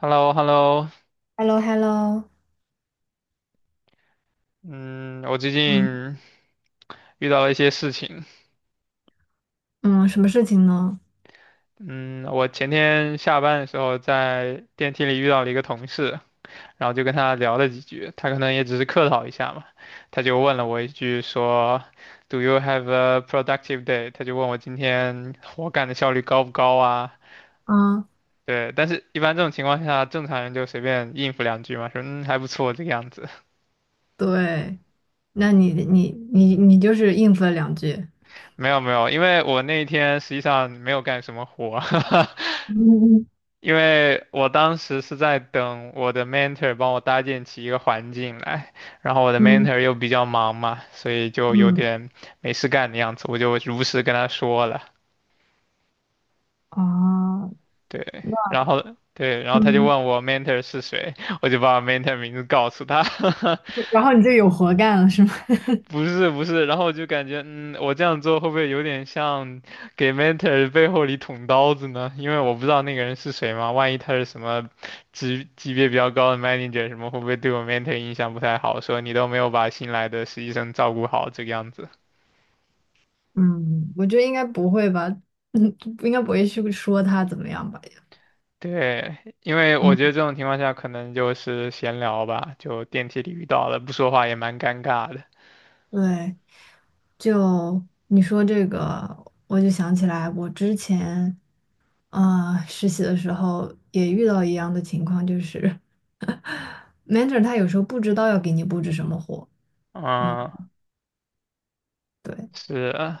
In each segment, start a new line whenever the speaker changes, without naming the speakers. h e l l o hello
h e l l o h e l l o
嗯，我最
嗯
近遇到了一些事情。
嗯，什么事情呢？
嗯，我前天下班的时候在电梯里遇到了一个同事，然后就跟他聊了几句，他可能也只是客套一下嘛，他就问了我一句说，Do you have a productive day？他就问我今天活干的效率高不高啊？
啊，
对，但是一般这种情况下，正常人就随便应付两句嘛，说嗯还不错这个样子。
对。那你就是应付了两句。
没有没有，因为我那一天实际上没有干什么活。
嗯
因为我当时是在等我的 mentor 帮我搭建起一个环境来，然后我的
嗯
mentor 又比较忙嘛，所以就有
嗯，
点没事干的样子，我就如实跟他说了，
哦，
对，
那
然后对，然后他就
嗯，
问我 mentor 是谁，我就把我 mentor 名字告诉他，
然后你就有活干了是吗？
不是不是，然后我就感觉，嗯，我这样做会不会有点像给 mentor 背后里捅刀子呢？因为我不知道那个人是谁嘛，万一他是什么级别比较高的 manager 什么，会不会对我 mentor 印象不太好？说你都没有把新来的实习生照顾好这个样子。
嗯，我觉得应该不会吧。嗯，应该不会去说他怎么样吧？
对，因为我
嗯，
觉得这种情况下可能就是闲聊吧，就电梯里遇到了，不说话也蛮尴尬的。
对，就你说这个，我就想起来我之前，啊、实习的时候也遇到一样的情况，就是。Mentor 他有时候不知道要给你布置什么活。嗯，
嗯，
对。
是，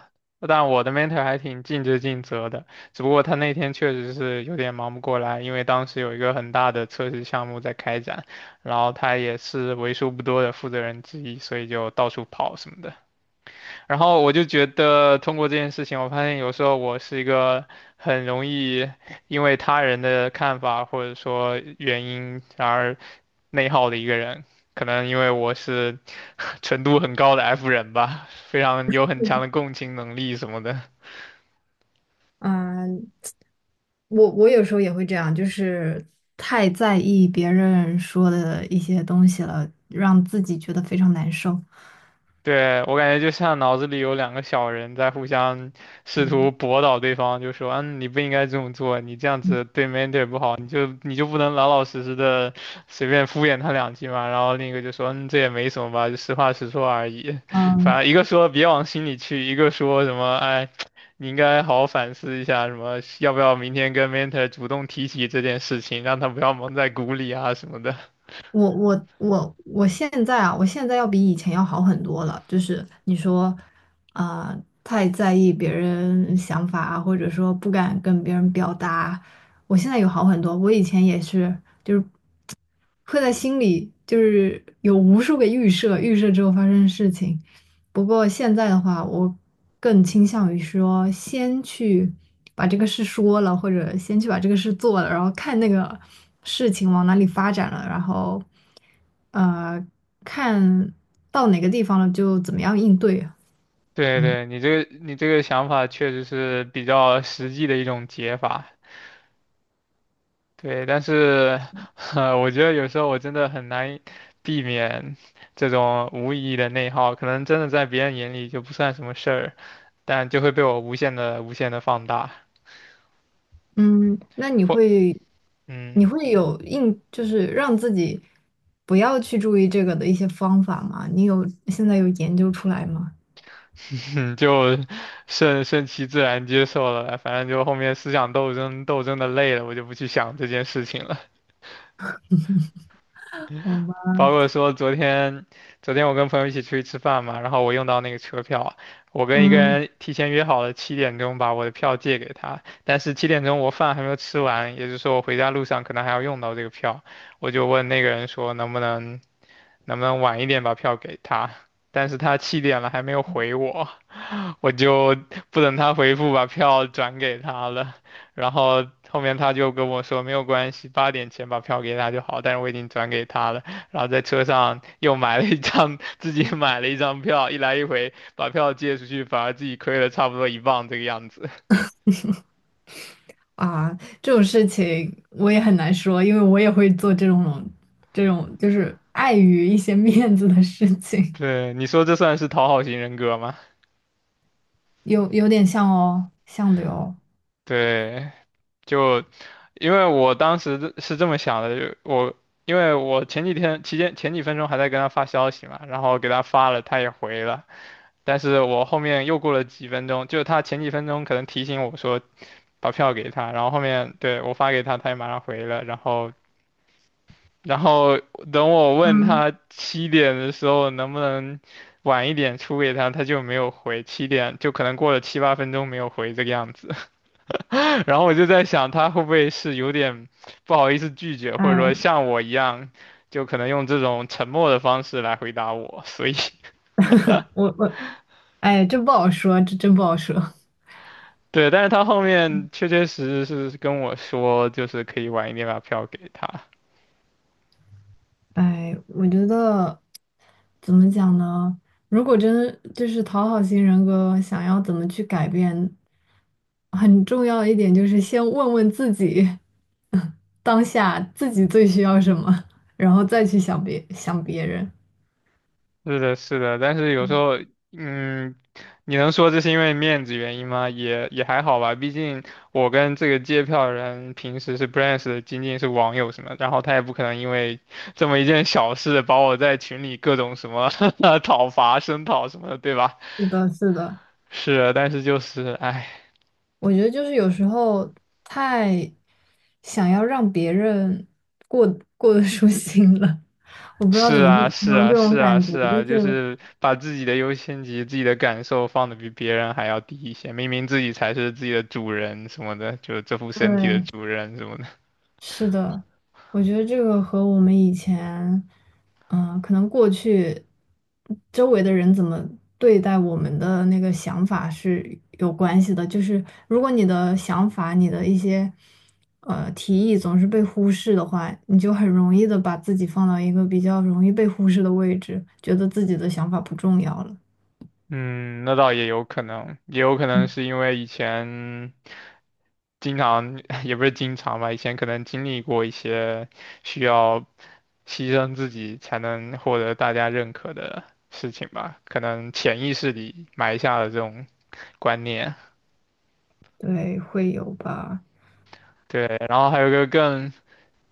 但我的 mentor 还挺尽职尽责的，只不过他那天确实是有点忙不过来，因为当时有一个很大的测试项目在开展，然后他也是为数不多的负责人之一，所以就到处跑什么的。然后我就觉得通过这件事情，我发现有时候我是一个很容易因为他人的看法或者说原因而内耗的一个人。可能因为我是 程度很高的 F 人吧，非常有很强
嗯
的共情能力什么的。
嗯我有时候也会这样，就是太在意别人说的一些东西了，让自己觉得非常难受。
对，我感觉就像脑子里有两个小人在互相试图
嗯，
驳倒对方，就说：“嗯，你不应该这么做，你这样子对 mentor 不好，你就不能老老实实的随便敷衍他两句嘛。”然后另一个就说：“嗯，这也没什么吧，就实话实说而已。”反
嗯
正一个说别往心里去，一个说什么：“哎，你应该好好反思一下，什么要不要明天跟 mentor 主动提起这件事情，让他不要蒙在鼓里啊什么的。”
我现在啊，我现在要比以前要好很多了。就是你说，啊、太在意别人想法啊，或者说不敢跟别人表达，我现在有好很多。我以前也是，会在心里就是有无数个预设，预设之后发生的事情。不过现在的话，我更倾向于说，先去把这个事说了，或者先去把这个事做了，然后看那个事情往哪里发展了，然后呃，看到哪个地方了就怎么样应对。
对
嗯。
对，你这个想法确实是比较实际的一种解法，对，但是 我觉得有时候我真的很难避免这种无意义的内耗，可能真的在别人眼里就不算什么事儿，但就会被我无限的放大，
嗯，那你
或
会，
嗯，
你会有应，就是让自己不要去注意这个的一些方法吗？你有，现在有研究出来吗？
就顺其自然接受了，反正就后面思想斗争的累了，我就不去想这件事情了。
好吧。
包括说昨天，昨天我跟朋友一起出去吃饭嘛，然后我用到那个车票，我跟一个
嗯，
人提前约好了七点钟把我的票借给他，但是七点钟我饭还没有吃完，也就是说我回家路上可能还要用到这个票，我就问那个人说能不能晚一点把票给他，但是他七点了还没有回我，我就不等他回复，把票转给他了。然后后面他就跟我说没有关系，八点前把票给他就好，但是我已经转给他了。然后在车上又买了一张，自己买了一张票，一来一回把票借出去，反而自己亏了差不多一磅这个样子。
啊，这种事情我也很难说，因为我也会做这种，就是碍于一些 面子的事 情。
对，你说这算是讨好型人格吗？
有点像哦，像的哟。
对，就因为我当时的是这么想的，就我。因为我前几天期间前几分钟还在跟他发消息嘛，然后给他发了，他也回了，但是我后面又过了几分钟，就是他前几分钟可能提醒我说把票给他，然后后面对我发给他，他也马上回了，然后等我问
嗯，
他七点的时候能不能晚一点出给他，他就没有回，七点就可能过了七八分钟没有回这个样子，然后我就在想他会不会是有点不好意思拒绝，或者说
哎，
像我一样，就可能用这种沉默的方式来回答我，所以
我哎，这不好说，这真不好说。
对，但是他后面确确实实是跟我说，就是可以晚一点把票给他。
哎，我觉得怎么讲呢？如果真就是讨好型人格，想要怎么去改变，很重要一点就是先问问自己，当下自己最需要什么，然后再去想别人。
是的，是的，但是有时候，嗯，你能说这是因为面子原因吗？也也还好吧，毕竟我跟这个借票人平时是不认识的，仅仅是网友什么，然后他也不可能因为这么一件小事把我在群里各种什么 讨伐、声讨什么的，对吧？
是的，是的。
是的但是就是，唉。
我觉得就是有时候太想要让别人过过得舒心了，我不知道
是
怎么去
啊，
形
是
容
啊，
这
是
种
啊，
感觉，
是
就
啊，就
是
是把自己的优先级、自己的感受放的比别人还要低一些，明明自己才是自己的主人什么的，就这副身体的
对。
主人什么的。
是的，我觉得这个和我们以前，可能过去周围的人怎么对待我们的那个想法是有关系的。就是如果你的想法、你的一些提议总是被忽视的话，你就很容易的把自己放到一个比较容易被忽视的位置，觉得自己的想法不重要了。
嗯，那倒也有可能，也有可能是因为以前经常，也不是经常吧，以前可能经历过一些需要牺牲自己才能获得大家认可的事情吧，可能潜意识里埋下了这种观念。
对，会有吧？
对，然后还有一个更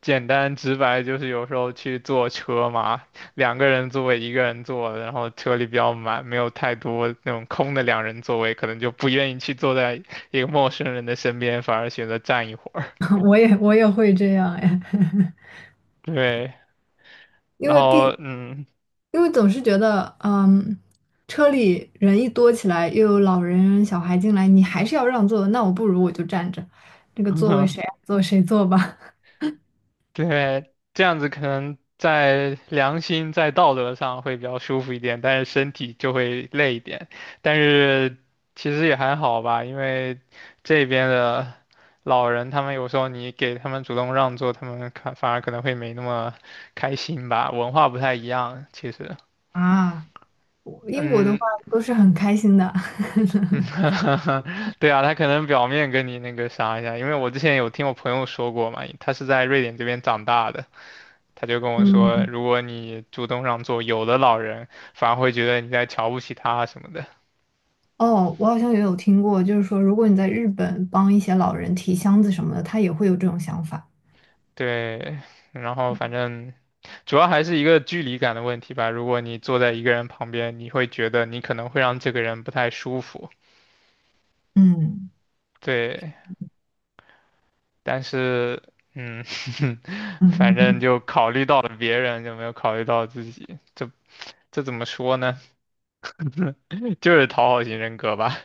简单直白就是有时候去坐车嘛，两个人座位一个人坐，然后车里比较满，没有太多那种空的两人座位，可能就不愿意去坐在一个陌生人的身边，反而选择站一会儿。
我也会这样哎。
对，
因
然
为
后
毕，
嗯，
因为总是觉得，嗯，车里人一多起来，又有老人小孩进来，你还是要让座，那我不如我就站着，这个座位 谁爱坐谁坐吧。
对，这样子可能在良心、在道德上会比较舒服一点，但是身体就会累一点。但是其实也还好吧，因为这边的老人，他们有时候你给他们主动让座，他们看反而可能会没那么开心吧，文化不太一样，其实。
啊，我英国的话
嗯，
都是很开心的。
对啊，他可能表面跟你那个啥一下，因为我之前有听我朋友说过嘛，他是在瑞典这边长大的。他就跟我说，
嗯，
如果你主动让座，有的老人反而会觉得你在瞧不起他什么的。
哦，我好像也有听过，就是说，如果你在日本帮一些老人提箱子什么的，他也会有这种想法。
对，然后反正主要还是一个距离感的问题吧。如果你坐在一个人旁边，你会觉得你可能会让这个人不太舒服。
嗯
对，但是嗯，反
嗯
正
嗯
就考虑到了别人，就没有考虑到自己。这怎么说呢？就是讨好型人格吧。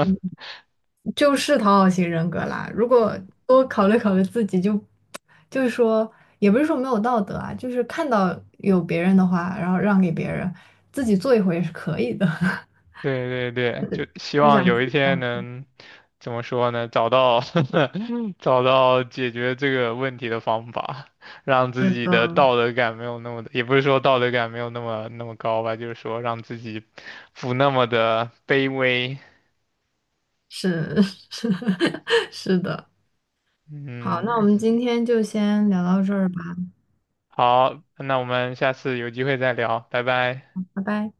嗯，就是讨好型人格啦。如果多考虑考虑自己，就是说，也不是说没有道德啊，就是看到有别人的话，然后让给别人，自己做一回也是可以的。
对对对，就希
我
望
想
有
自
一
己
天
干。
能怎么说呢，找到 找到解决这个问题的方法，让自
是
己的
的，
道德感没有那么的也不是说道德感没有那么高吧，就是说让自己不那么的卑微。
是 是是的，好，那我
嗯，
们今天就先聊到这儿吧，
好，那我们下次有机会再聊，拜拜。
拜拜。